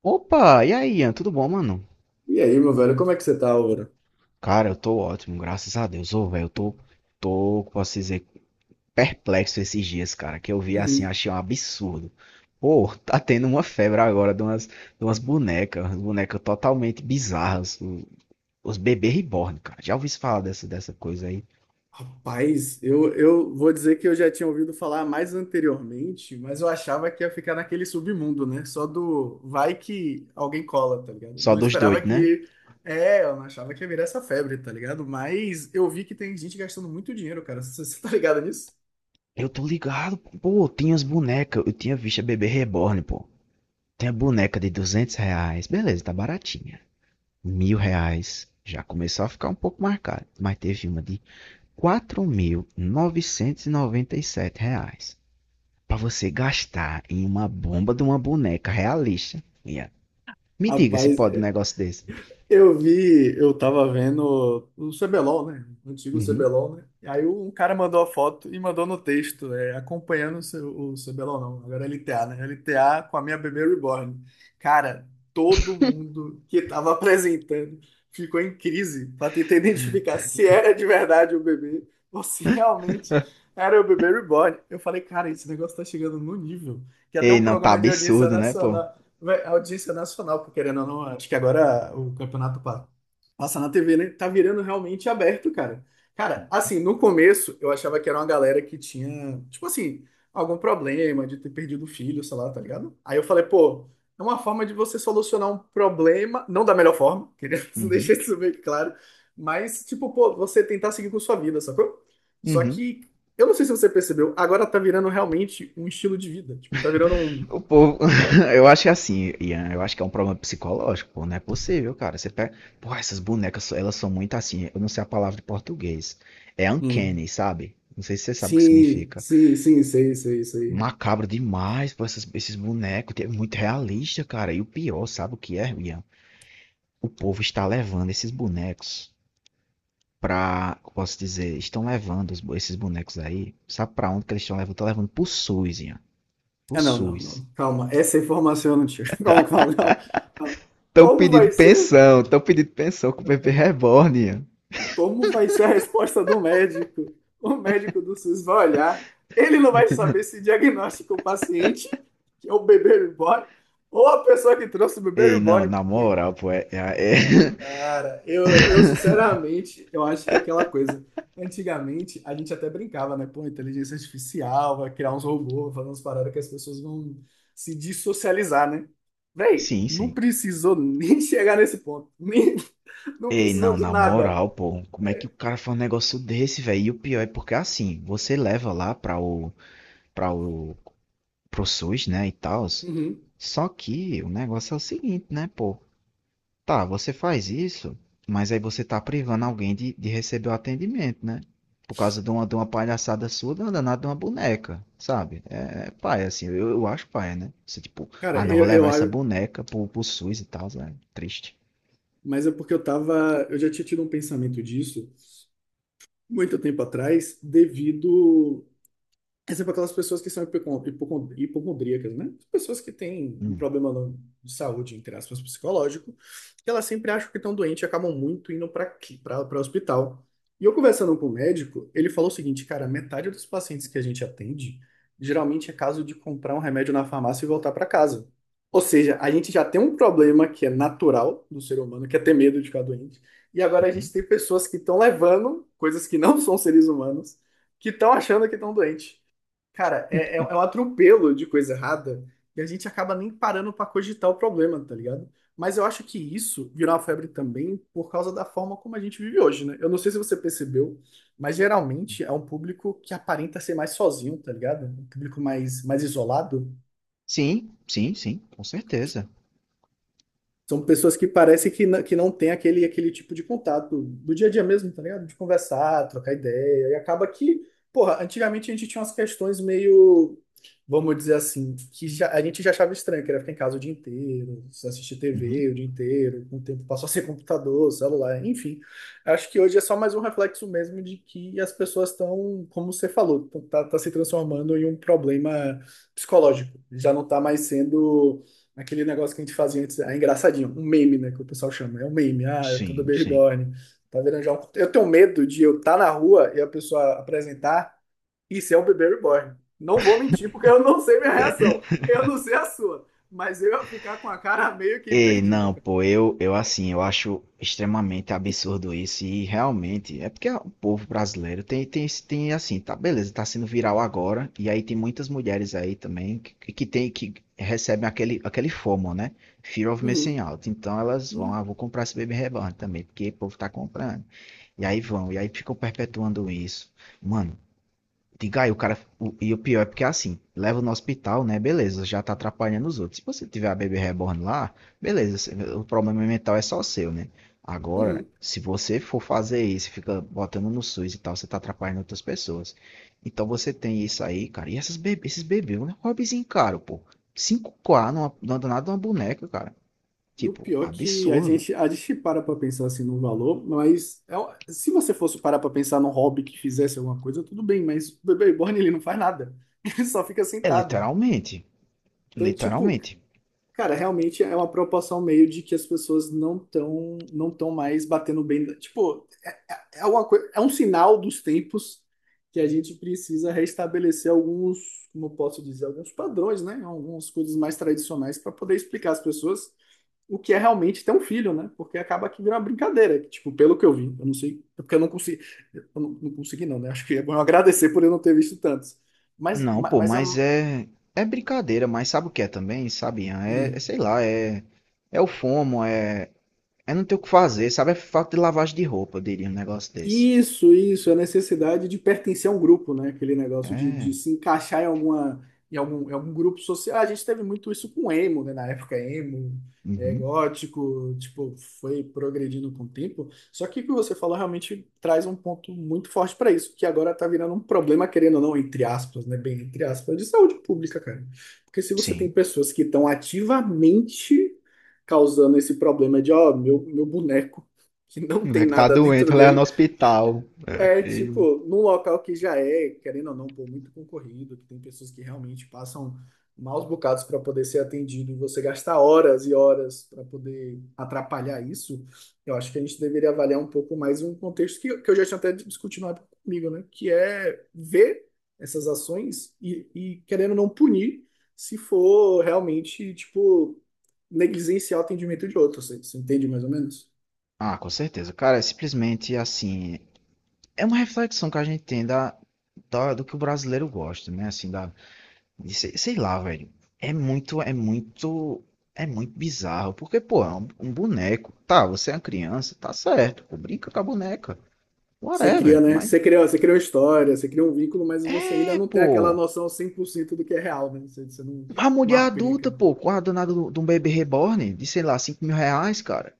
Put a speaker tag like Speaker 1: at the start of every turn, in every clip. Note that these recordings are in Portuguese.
Speaker 1: Opa, e aí, Ian, tudo bom, mano?
Speaker 2: E aí, meu velho, como é que você tá, Aura?
Speaker 1: Cara, eu tô ótimo, graças a Deus. Ô, velho, eu tô, posso dizer, perplexo esses dias, cara, que eu vi assim,
Speaker 2: Uhum.
Speaker 1: achei um absurdo. Pô, tá tendo uma febre agora de umas bonecas, umas bonecas totalmente bizarras, os bebês reborn, cara. Já ouvi falar dessa coisa aí?
Speaker 2: Rapaz, eu vou dizer que eu já tinha ouvido falar mais anteriormente, mas eu achava que ia ficar naquele submundo, né? Só do vai que alguém cola, tá ligado?
Speaker 1: Só
Speaker 2: Não
Speaker 1: dos
Speaker 2: esperava
Speaker 1: doidos, né?
Speaker 2: que. É, eu não achava que ia virar essa febre, tá ligado? Mas eu vi que tem gente gastando muito dinheiro, cara. Você tá ligado nisso?
Speaker 1: Eu tô ligado, pô, tinha as bonecas, eu tinha visto a bebê reborn, pô. Tem a boneca de R$ 200, beleza, tá baratinha. R$ 1.000 já começou a ficar um pouco marcado, mas teve uma de quatro mil novecentos e noventa e sete reais para você gastar em uma bomba de uma boneca realista, Ian. Me diga se
Speaker 2: Rapaz.
Speaker 1: pode um negócio desse.
Speaker 2: Eu vi, eu tava vendo o CBLOL, né? O antigo
Speaker 1: Uhum.
Speaker 2: CBLOL, né? E aí um cara mandou a foto e mandou no texto, é, acompanhando o, o CBLOL, não, agora é LTA, né? LTA com a minha bebê reborn. Cara, todo mundo que tava apresentando ficou em crise pra tentar identificar se era de verdade o bebê ou se realmente era o bebê reborn. Eu falei, cara, esse negócio tá chegando no nível que até
Speaker 1: Ei,
Speaker 2: um
Speaker 1: não, tá
Speaker 2: programa de audiência
Speaker 1: absurdo, né, pô?
Speaker 2: nacional. Vé, audiência nacional, porque querendo ou não, acho que agora o campeonato passa na TV, né? Tá virando realmente aberto, cara. Cara, assim, no começo eu achava que era uma galera que tinha, tipo assim, algum problema de ter perdido o filho, sei lá, tá ligado? Aí eu falei, pô, é uma forma de você solucionar um problema, não da melhor forma, queria
Speaker 1: Uhum.
Speaker 2: deixar isso bem claro, mas, tipo, pô, você tentar seguir com sua vida, sacou? Só
Speaker 1: Uhum.
Speaker 2: que, eu não sei se você percebeu, agora tá virando realmente um estilo de vida, tipo, tá virando
Speaker 1: O povo, eu acho que é assim, Ian, eu acho que é um problema psicológico, pô, não é possível, cara. Você pega, pô, essas bonecas, elas são muito assim, eu não sei a palavra de português. É
Speaker 2: um.
Speaker 1: uncanny, sabe? Não sei se você sabe o que
Speaker 2: Sim,
Speaker 1: significa.
Speaker 2: sim, sim, sei, sei, sei.
Speaker 1: Macabro demais, pô, esses bonecos. É muito realista, cara. E o pior, sabe o que é, Ian? O povo está levando esses bonecos pra. Como posso dizer, estão levando esses bonecos aí. Sabe pra onde que eles estão levando? Estão levando pro SUS, Ian. Pro
Speaker 2: Ah, não, não,
Speaker 1: SUS.
Speaker 2: não. Calma, essa é informação eu não tinha. Calma, calma, calma. Calma. Como vai ser?
Speaker 1: Estão pedindo pensão com o bebê reborn, Ian.
Speaker 2: Como vai ser a resposta do médico? O médico do SUS vai olhar, ele não vai saber se diagnostica o paciente, que é o bebê reborn, ou a pessoa que trouxe o bebê
Speaker 1: Ei, não,
Speaker 2: reborn,
Speaker 1: na
Speaker 2: porque
Speaker 1: moral, pô.
Speaker 2: cara, eu sinceramente, eu acho que é aquela coisa. Antigamente, a gente até brincava, né? Pô, inteligência artificial, vai criar uns robôs, vai fazer umas paradas que as pessoas vão se dissocializar, né? Véi,
Speaker 1: Sim,
Speaker 2: não
Speaker 1: sim.
Speaker 2: precisou nem chegar nesse ponto. Nem, não
Speaker 1: Ei, não,
Speaker 2: precisou de
Speaker 1: na
Speaker 2: nada.
Speaker 1: moral, pô, como é que o cara faz um negócio desse, velho? E o pior é porque assim, você leva lá pra o, pra o pro SUS, né, e tal.
Speaker 2: Uhum.
Speaker 1: Só que o negócio é o seguinte, né, pô? Tá, você faz isso, mas aí você tá privando alguém de receber o atendimento, né? Por causa de uma palhaçada sua, de uma danada de uma boneca, sabe? É paia, assim, eu acho paia, né? Você, tipo,
Speaker 2: Cara,
Speaker 1: ah, não, vou
Speaker 2: eu,
Speaker 1: levar
Speaker 2: eu
Speaker 1: essa
Speaker 2: acho.
Speaker 1: boneca pro SUS e tal, é triste.
Speaker 2: Mas é porque eu tava. Eu já tinha tido um pensamento disso muito tempo atrás, devido É sempre aquelas pessoas que são hipocondríacas, né? Pessoas que têm um
Speaker 1: Hum,
Speaker 2: problema de saúde, entre aspas, psicológico, que elas sempre acham que estão doentes e acabam muito indo para para hospital. E eu conversando com o médico, ele falou o seguinte, cara, metade dos pacientes que a gente atende, geralmente é caso de comprar um remédio na farmácia e voltar para casa. Ou seja, a gente já tem um problema que é natural do ser humano, que é ter medo de ficar doente. E agora a
Speaker 1: Uhum.
Speaker 2: gente tem pessoas que estão levando coisas que não são seres humanos, que estão achando que estão doentes. Cara, é, é um atropelo de coisa errada e a gente acaba nem parando pra cogitar o problema, tá ligado? Mas eu acho que isso virou uma febre também por causa da forma como a gente vive hoje, né? Eu não sei se você percebeu, mas geralmente é um público que aparenta ser mais sozinho, tá ligado? Um público mais, mais isolado.
Speaker 1: Sim, sim, sim, com certeza.
Speaker 2: São pessoas que parece que, que não tem aquele, aquele tipo de contato do dia a dia mesmo, tá ligado? De conversar, trocar ideia. E acaba que, porra, antigamente a gente tinha umas questões meio, vamos dizer assim, que a gente já achava estranho, que era ficar em casa o dia inteiro, só assistir
Speaker 1: Uhum.
Speaker 2: TV o dia inteiro, com o tempo passou a ser computador, celular, enfim. Acho que hoje é só mais um reflexo mesmo de que as pessoas estão, como você falou, tá, tá se transformando em um problema psicológico. Já não tá mais sendo. Aquele negócio que a gente fazia antes, é engraçadinho, um meme, né, que o pessoal chama, é um meme, ah, eu tô do
Speaker 1: Sim,
Speaker 2: Baby
Speaker 1: sim.
Speaker 2: tá virando já um... Eu tenho medo de eu estar na rua e a pessoa apresentar, isso é um bebê reborn. Não vou mentir, porque eu não sei minha reação, eu não sei a sua, mas eu ia ficar com a cara meio que
Speaker 1: Ei,
Speaker 2: perdido,
Speaker 1: não,
Speaker 2: cara.
Speaker 1: pô, eu assim, eu acho extremamente absurdo isso e realmente é porque o povo brasileiro tem, tem, esse- tem assim, tá, beleza, tá sendo viral agora e aí tem muitas mulheres aí também que tem, que recebem aquele FOMO, né? Fear of Missing
Speaker 2: Uhum,
Speaker 1: Out. Então elas vão, ah,
Speaker 2: uhum,
Speaker 1: vou comprar esse Baby Reborn também, porque o povo tá comprando. E aí vão, e aí ficam perpetuando isso. Mano, diga aí, o cara. E o pior é porque é assim, leva no hospital, né? Beleza, já tá atrapalhando os outros. Se você tiver a bebê reborn lá, beleza, o problema mental é só seu, né? Agora,
Speaker 2: uhum.
Speaker 1: se você for fazer isso, fica botando no SUS e tal, você tá atrapalhando outras pessoas. Então você tem isso aí, cara. E esses bebês, um hobbyzinho caro, pô. 5K numa danada de uma boneca, cara.
Speaker 2: E o
Speaker 1: Tipo,
Speaker 2: pior é que
Speaker 1: absurdo.
Speaker 2: a gente para pra pensar assim no valor, mas é se você fosse parar pra pensar num hobby que fizesse alguma coisa, tudo bem, mas o bebê reborn ele não faz nada, ele só fica
Speaker 1: É
Speaker 2: sentado.
Speaker 1: literalmente.
Speaker 2: Então, tipo,
Speaker 1: Literalmente.
Speaker 2: cara, realmente é uma preocupação meio de que as pessoas não estão não tão mais batendo bem. Tipo, é, é uma é um sinal dos tempos que a gente precisa restabelecer alguns, como eu posso dizer, alguns padrões, né? Algumas coisas mais tradicionais para poder explicar às pessoas o que é realmente ter um filho, né? Porque acaba que vira uma brincadeira, que, tipo, pelo que eu vi, eu não sei, é porque eu não consegui, eu não consegui não, né? Acho que é bom eu agradecer por eu não ter visto tantos. Mas,
Speaker 1: Não, pô,
Speaker 2: mas a,
Speaker 1: mas é brincadeira, mas sabe o que é também, sabe, Ian? É
Speaker 2: hum,
Speaker 1: sei lá, é o FOMO, é não ter o que fazer, sabe? É falta de lavagem de roupa, eu diria um negócio desse.
Speaker 2: isso, isso, a necessidade de pertencer a um grupo, né? Aquele negócio de
Speaker 1: É,
Speaker 2: se encaixar em alguma, em algum grupo social. A gente teve muito isso com emo, né? Na época, emo, é,
Speaker 1: uhum,
Speaker 2: gótico, tipo, foi progredindo com o tempo. Só que o que você falou realmente traz um ponto muito forte para isso, que agora tá virando um problema, querendo ou não, entre aspas, né? Bem, entre aspas, de saúde pública, cara. Porque se você tem
Speaker 1: sim.
Speaker 2: pessoas que estão ativamente causando esse problema de, ó, meu boneco. Que
Speaker 1: O
Speaker 2: não tem
Speaker 1: moleque tá
Speaker 2: nada dentro
Speaker 1: doente, leva no
Speaker 2: dele,
Speaker 1: hospital. É.
Speaker 2: é, tipo, num local que já é, querendo ou não, pô, muito concorrido, que tem pessoas que realmente passam maus bocados para poder ser atendido e você gastar horas e horas para poder atrapalhar isso, eu acho que a gente deveria avaliar um pouco mais um contexto que eu já tinha até discutido na época comigo, né? Que é ver essas ações e querendo ou não punir se for realmente, tipo, negligenciar o atendimento de outros. Você entende mais ou menos?
Speaker 1: Ah, com certeza. Cara, é simplesmente assim, é uma reflexão que a gente tem do que o brasileiro gosta, né? Assim, da E Sei, sei lá, velho. É muito, é muito, é muito bizarro. Porque, pô, é um boneco. Tá, você é uma criança, tá certo. Pô, brinca com a boneca.
Speaker 2: Você cria,
Speaker 1: Whatever.
Speaker 2: né?
Speaker 1: Mas,
Speaker 2: Você cria uma história, você cria um vínculo, mas você ainda
Speaker 1: é,
Speaker 2: não tem aquela
Speaker 1: pô.
Speaker 2: noção 100% do que é real, né? Você não,
Speaker 1: A
Speaker 2: não
Speaker 1: mulher adulta,
Speaker 2: aplica.
Speaker 1: pô, com a danada de um bebê reborn, de sei lá, R$ 5.000, cara.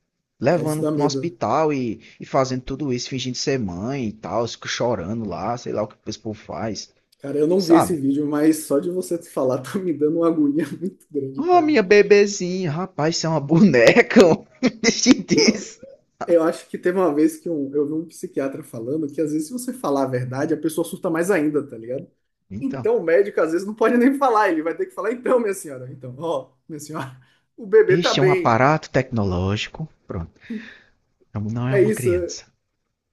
Speaker 2: Cara, isso
Speaker 1: Levando
Speaker 2: dá
Speaker 1: no
Speaker 2: medo.
Speaker 1: hospital e fazendo tudo isso, fingindo ser mãe e tal, fica chorando lá, sei lá o que o povo faz,
Speaker 2: Cara, eu não vi esse
Speaker 1: sabe?
Speaker 2: vídeo, mas só de você falar tá me dando uma agonia muito grande,
Speaker 1: Ah,
Speaker 2: cara.
Speaker 1: minha bebezinha, rapaz, isso é uma boneca, mano. Deixa
Speaker 2: Não,
Speaker 1: disso.
Speaker 2: eu acho que teve uma vez que um, eu vi um psiquiatra falando que às vezes se você falar a verdade, a pessoa surta mais ainda, tá ligado?
Speaker 1: Então.
Speaker 2: Então o médico às vezes não pode nem falar, ele vai ter que falar, então, minha senhora, então, ó, minha senhora, o bebê tá
Speaker 1: Este é um
Speaker 2: bem.
Speaker 1: aparato tecnológico. Pronto. Não é
Speaker 2: É
Speaker 1: uma
Speaker 2: isso.
Speaker 1: criança.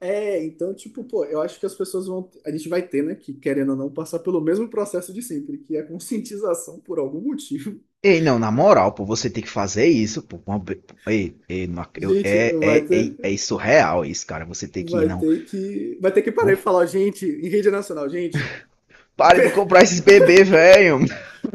Speaker 2: É, então, tipo, pô, eu acho que as pessoas vão. A gente vai ter, né, que querendo ou não, passar pelo mesmo processo de sempre, que é a conscientização por algum motivo.
Speaker 1: Ei, não, na moral, pô, você tem que fazer isso, pô. Uma Ei, ei, não eu-
Speaker 2: Gente,
Speaker 1: é, é, é, é isso real, é isso, cara. Você tem que ir,
Speaker 2: vai
Speaker 1: não.
Speaker 2: ter que. Vai ter que parar e
Speaker 1: Uf,
Speaker 2: falar, gente, em rede nacional, gente,
Speaker 1: para
Speaker 2: be-
Speaker 1: de comprar esses bebês, velho.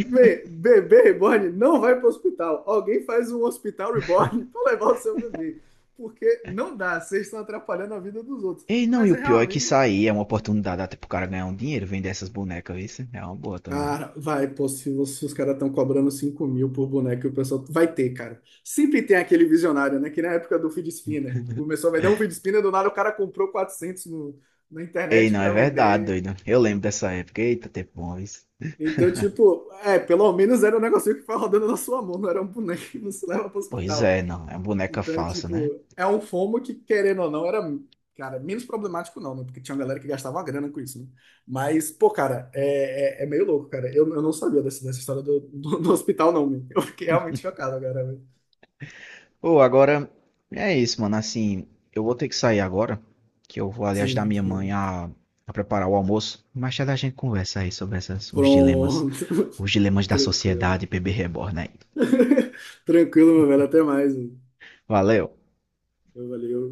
Speaker 2: bebê reborn não vai para o hospital. Alguém faz um hospital reborn para levar o seu bebê. Porque não dá, vocês estão atrapalhando a vida dos outros.
Speaker 1: Ei, não, e
Speaker 2: Mas
Speaker 1: o
Speaker 2: é
Speaker 1: pior é que isso
Speaker 2: realmente.
Speaker 1: aí é uma oportunidade até pro cara ganhar um dinheiro, vender essas bonecas, isso é uma boa também.
Speaker 2: Cara, vai, pô, se, os se os caras estão cobrando 5 mil por boneco, o pessoal vai ter, cara. Sempre tem aquele visionário, né? Que na época do feed spinner. Né? Começou a vender um feed spinner, do nada o cara comprou 400 no, na
Speaker 1: Ei,
Speaker 2: internet
Speaker 1: não, é
Speaker 2: pra
Speaker 1: verdade,
Speaker 2: vender.
Speaker 1: doido. Eu lembro dessa época. Eita, tempo bom, isso.
Speaker 2: Então, tipo, é, pelo menos era um negocinho que foi rodando na sua mão, não era um boneco que não se leva pro
Speaker 1: Pois
Speaker 2: hospital.
Speaker 1: é, não, é uma boneca
Speaker 2: Então, é
Speaker 1: falsa, né?
Speaker 2: tipo, é um FOMO que, querendo ou não, era, cara, menos problemático não, né? Porque tinha uma galera que gastava uma grana com isso, né? Mas, pô, cara, é meio louco, cara. Eu não sabia dessa, dessa história do, do, do hospital, não, meu. Eu fiquei realmente chocado agora, velho.
Speaker 1: Ô, agora é isso, mano. Assim, eu vou ter que sair agora, que eu vou ali ajudar
Speaker 2: Sim,
Speaker 1: minha mãe
Speaker 2: tipo,
Speaker 1: a preparar o almoço. Mais tarde a gente conversa aí sobre
Speaker 2: pronto.
Speaker 1: os dilemas da
Speaker 2: Tranquilo.
Speaker 1: sociedade, bebê reborn aí.
Speaker 2: Tranquilo, meu velho. Até mais, mano.
Speaker 1: Valeu!
Speaker 2: Valeu.